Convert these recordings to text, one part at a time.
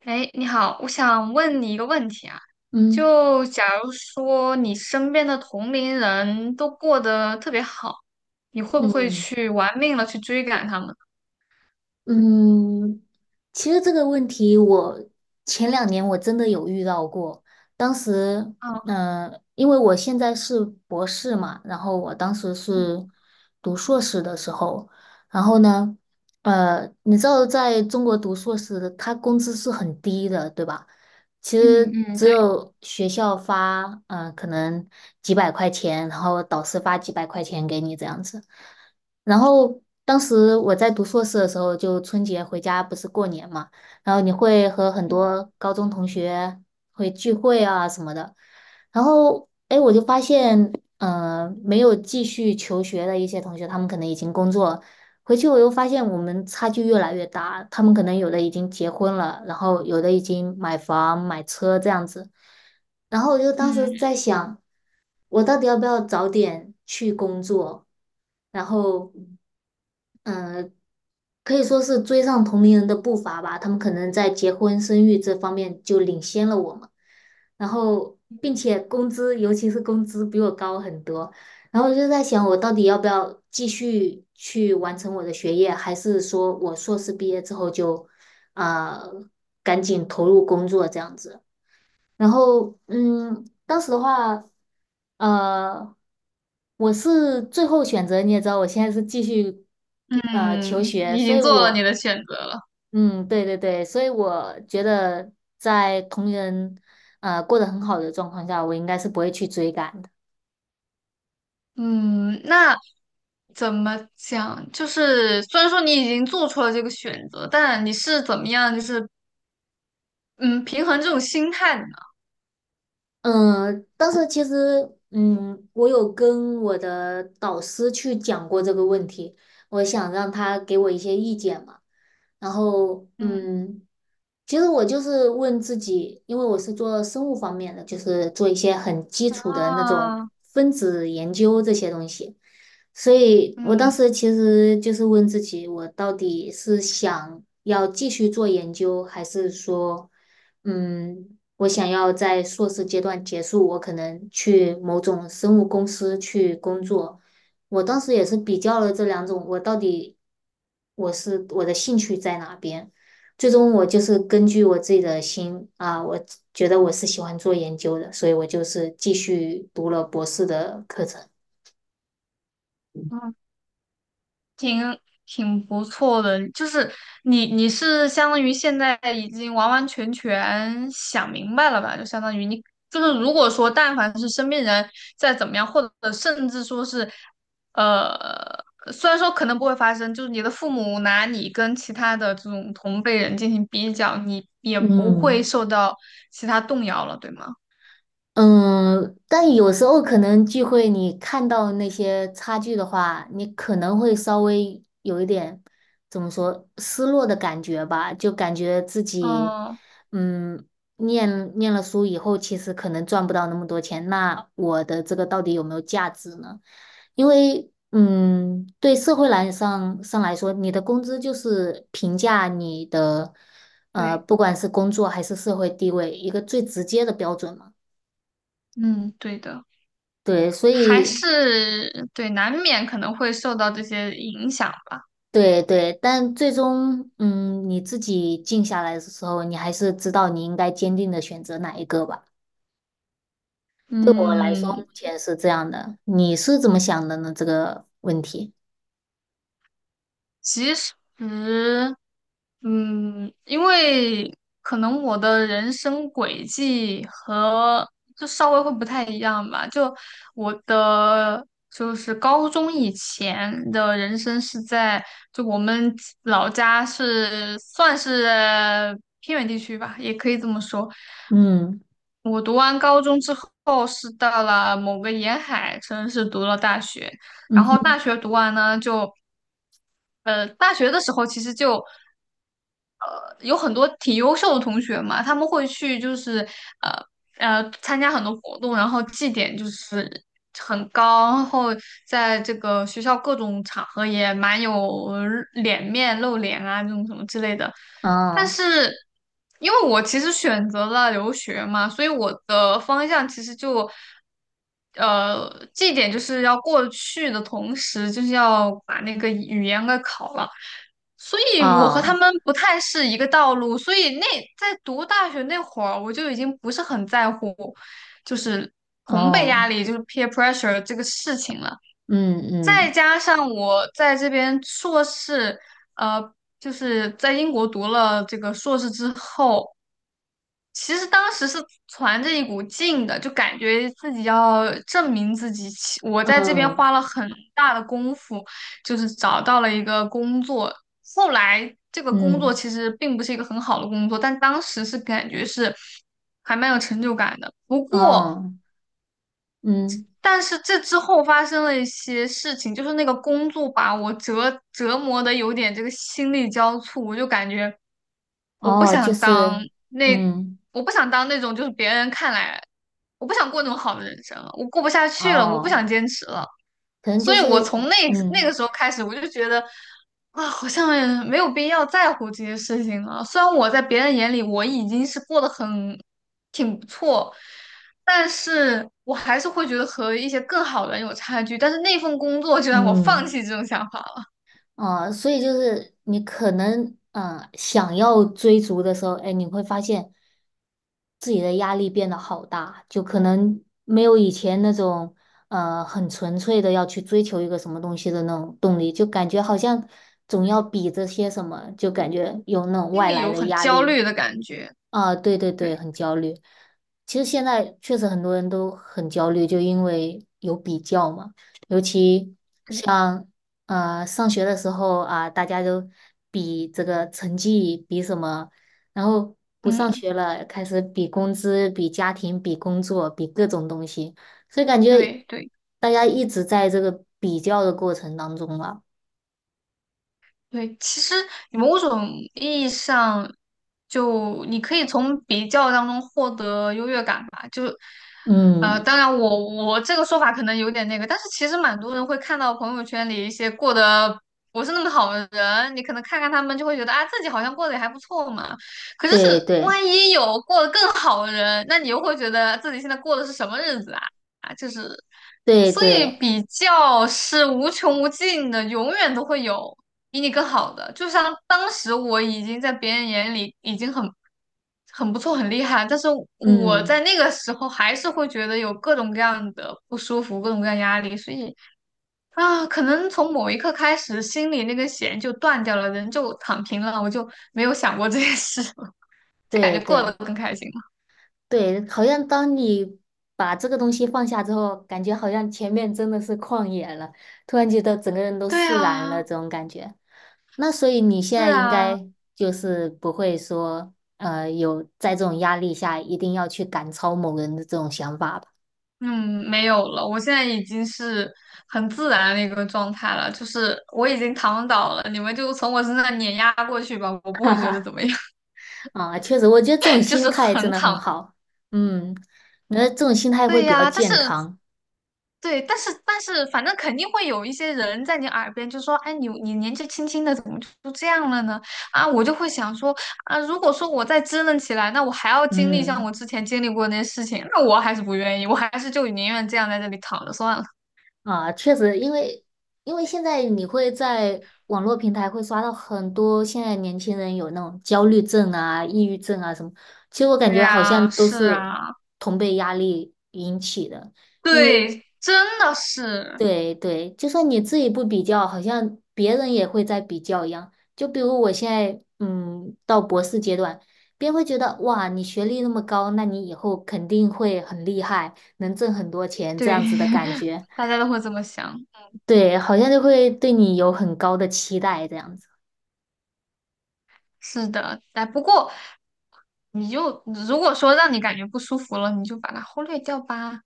哎，你好，我想问你一个问题啊，嗯就假如说你身边的同龄人都过得特别好，你会不会嗯去玩命了去追赶他们？嗯，其实这个问题我前两年真的有遇到过。当时，嗯因为我现在是博士嘛，然后我当时是读硕士的时候，然后呢，你知道在中国读硕士的他工资是很低的，对吧？其嗯实嗯嗯只对。有学校发，可能几百块钱，然后导师发几百块钱给你这样子。然后当时我在读硕士的时候，就春节回家不是过年嘛，然后你会和很嗯多高中同学会聚会啊什么的，然后诶我就发现，没有继续求学的一些同学，他们可能已经工作，回去我又发现我们差距越来越大，他们可能有的已经结婚了，然后有的已经买房买车这样子。然后我就当时嗯在想，我到底要不要早点去工作？然后可以说是追上同龄人的步伐吧，他们可能在结婚生育这方面就领先了我们，然后并且工资，尤其是工资比我高很多，然后我就在想，我到底要不要继续去完成我的学业，还是说我硕士毕业之后就，呃，赶紧投入工作这样子？然后，当时的话，呃，我是最后选择，你也知道，我现在是继续求嗯，学，你已所以经做了你我，的选择了。嗯，对对对，所以我觉得在同人过得很好的状况下，我应该是不会去追赶的。嗯，那怎么讲？就是虽然说你已经做出了这个选择，但你是怎么样，就是嗯，平衡这种心态的呢？嗯，当时其实，我有跟我的导师去讲过这个问题，我想让他给我一些意见嘛。然后，嗯其实我就是问自己，因为我是做生物方面的，就是做一些很基础的那种啊，分子研究这些东西，所以我当嗯时其实就是问自己，我到底是想要继续做研究，还是说，嗯。我想要在硕士阶段结束，我可能去某种生物公司去工作。我当时也是比较了这两种，我到底我的兴趣在哪边？最终我就是根据我自己的心啊，我觉得我是喜欢做研究的，所以我就是继续读了博士的课程。嗯。挺不错的，就是你是相当于现在已经完完全全想明白了吧？就相当于你就是如果说但凡是身边人再怎么样，或者甚至说是，呃，虽然说可能不会发生，就是你的父母拿你跟其他的这种同辈人进行比较，你也不会嗯。受到其他动摇了，对吗？嗯，但有时候可能聚会，你看到那些差距的话，你可能会稍微有一点怎么说失落的感觉吧，就感觉自己，嗯，嗯，念了书以后，其实可能赚不到那么多钱，那我的这个到底有没有价值呢？因为，嗯，对社会上来说，你的工资就是评价你的，对。不管是工作还是社会地位，一个最直接的标准嘛。嗯，对的。对，所还以是对，难免可能会受到这些影响吧。对对，但最终，嗯，你自己静下来的时候，你还是知道你应该坚定的选择哪一个吧。对我来说，嗯，目前是这样的。你是怎么想的呢？这个问题？其实，嗯，因为可能我的人生轨迹和就稍微会不太一样吧。就我的就是高中以前的人生是在就我们老家是算是偏远地区吧，也可以这么说。嗯，我读完高中之后是到了某个沿海城市读了大学，然嗯后哼，大学读完呢就。大学的时候其实就有很多挺优秀的同学嘛，他们会去就是呃参加很多活动，然后绩点就是很高，然后在这个学校各种场合也蛮有脸面露脸啊这种什么之类的。但哦是因为我其实选择了留学嘛，所以我的方向其实就绩点就是要过去的同时，就是要把那个语言给考了。所以我和他哦们不太是一个道路，所以那在读大学那会儿，我就已经不是很在乎，就是同辈压哦，力，就是 peer pressure 这个事情了。嗯再嗯加上我在这边硕士，呃，就是在英国读了这个硕士之后，其实当时是攒着一股劲的，就感觉自己要证明自己。其我在这边嗯花了很大的功夫，就是找到了一个工作。后来这个工作嗯，其实并不是一个很好的工作，但当时是感觉是还蛮有成就感的。不过哦嗯但是这之后发生了一些事情，就是那个工作把我折磨的有点这个心力交瘁，我就感觉我不哦，就想当是那，嗯我不想当那种就是别人看来，我不想过那种好的人生了，我过不下去了，我不哦，想坚持了。可能所就以我是从那个嗯时候开始，我就觉得啊，好像也没有必要在乎这些事情了。虽然我在别人眼里我已经是过得很挺不错，但是我还是会觉得和一些更好的人有差距。但是那份工作就让我放嗯。弃这种想法了。所以就是你可能嗯，想要追逐的时候，哎，你会发现自己的压力变得好大，就可能没有以前那种很纯粹的要去追求一个什么东西的那种动力，就感觉好像总要对，比着些什么，就感觉有那种心外里来有的很压焦力。虑的感觉。啊，对对对，对很焦虑。其实现在确实很多人都很焦虑，就因为有比较嘛。尤其对，像上学的时候啊，大家都比这个成绩，比什么，然后不上嗯，学了，开始比工资、比家庭、比工作、比各种东西，所以感觉对对。大家一直在这个比较的过程当中了。对，其实你某种意义上，就你可以从比较当中获得优越感吧。就，呃，嗯，当然我这个说法可能有点那个，但是其实蛮多人会看到朋友圈里一些过得不是那么好的人，你可能看看他们就会觉得啊，自己好像过得也还不错嘛。可是对是对万一有过得更好的人，那你又会觉得自己现在过的是什么日子啊？啊，就是对所对，以比较是无穷无尽的，永远都会有比你更好的。就像当时我已经在别人眼里已经很不错、很厉害，但是我嗯，在那个时候还是会觉得有各种各样的不舒服、各种各样压力，所以啊，可能从某一刻开始，心里那根弦就断掉了，人就躺平了，我就没有想过这件事了，就感对觉过得对。更开心了。对，好像当你把这个东西放下之后，感觉好像前面真的是旷野了，突然觉得整个人都对释然啊，了，这种感觉。那所以你现是在应啊。该就是不会说，有在这种压力下一定要去赶超某人的这种想法吧？嗯，没有了，我现在已经是很自然的一个状态了，就是我已经躺倒了，你们就从我身上碾压过去吧，我不会觉得怎么样，啊，确实，我觉得这种 就心是态真很的很躺。好。嗯，那这种心态会对比较呀，但是健康。对，但是，反正肯定会有一些人在你耳边就说，哎，你年纪轻轻的，怎么就这样了呢？啊，我就会想说，啊，如果说我再支棱起来，那我还要经历像我嗯。之前经历过的那些事情，那我还是不愿意，我还是就宁愿这样在这里躺着算了。啊，确实，因为现在你会在网络平台会刷到很多现在年轻人有那种焦虑症啊、抑郁症啊什么，其实我感对觉好像呀，都是是啊。同辈压力引起的，因为对，真的是。对对，就算你自己不比较，好像别人也会在比较一样。就比如我现在嗯到博士阶段，别人会觉得哇，你学历那么高，那你以后肯定会很厉害，能挣很多钱这对，样子的感 觉。大家都会这么想。对，好像就会对你有很高的期待这样子。是的，哎，不过你就如果说让你感觉不舒服了，你就把它忽略掉吧。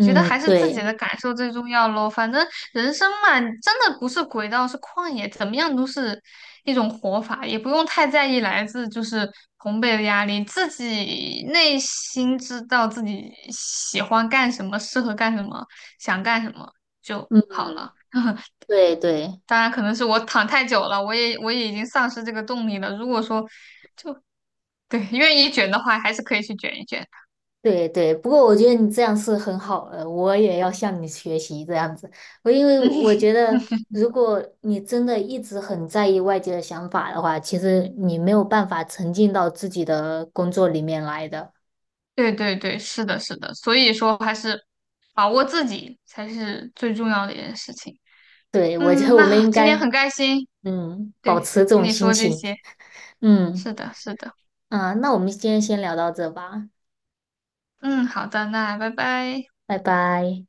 觉得还是自己对，的感受最重要咯。反正人生嘛，真的不是轨道，是旷野，怎么样都是一种活法，也不用太在意来自就是同辈的压力，自己内心知道自己喜欢干什么，适合干什么，想干什么就嗯，好了。对对当然可能是我躺太久了，我也已经丧失这个动力了。如果说对愿意卷的话，还是可以去卷一卷。对对。不过我觉得你这样是很好的，我也要向你学习这样子。因为我嗯，觉得，如果你真的一直很在意外界的想法的话，其实你没有办法沉浸到自己的工作里面来的。对对对，是的，是的。所以说还是把握自己才是最重要的一件事情。对，我觉嗯，得我们那应今天该，很开心，嗯，保对，持这跟种你心说这情。些。嗯，是的，是的。啊，那我们今天先聊到这吧，嗯，好的，那拜拜。拜拜。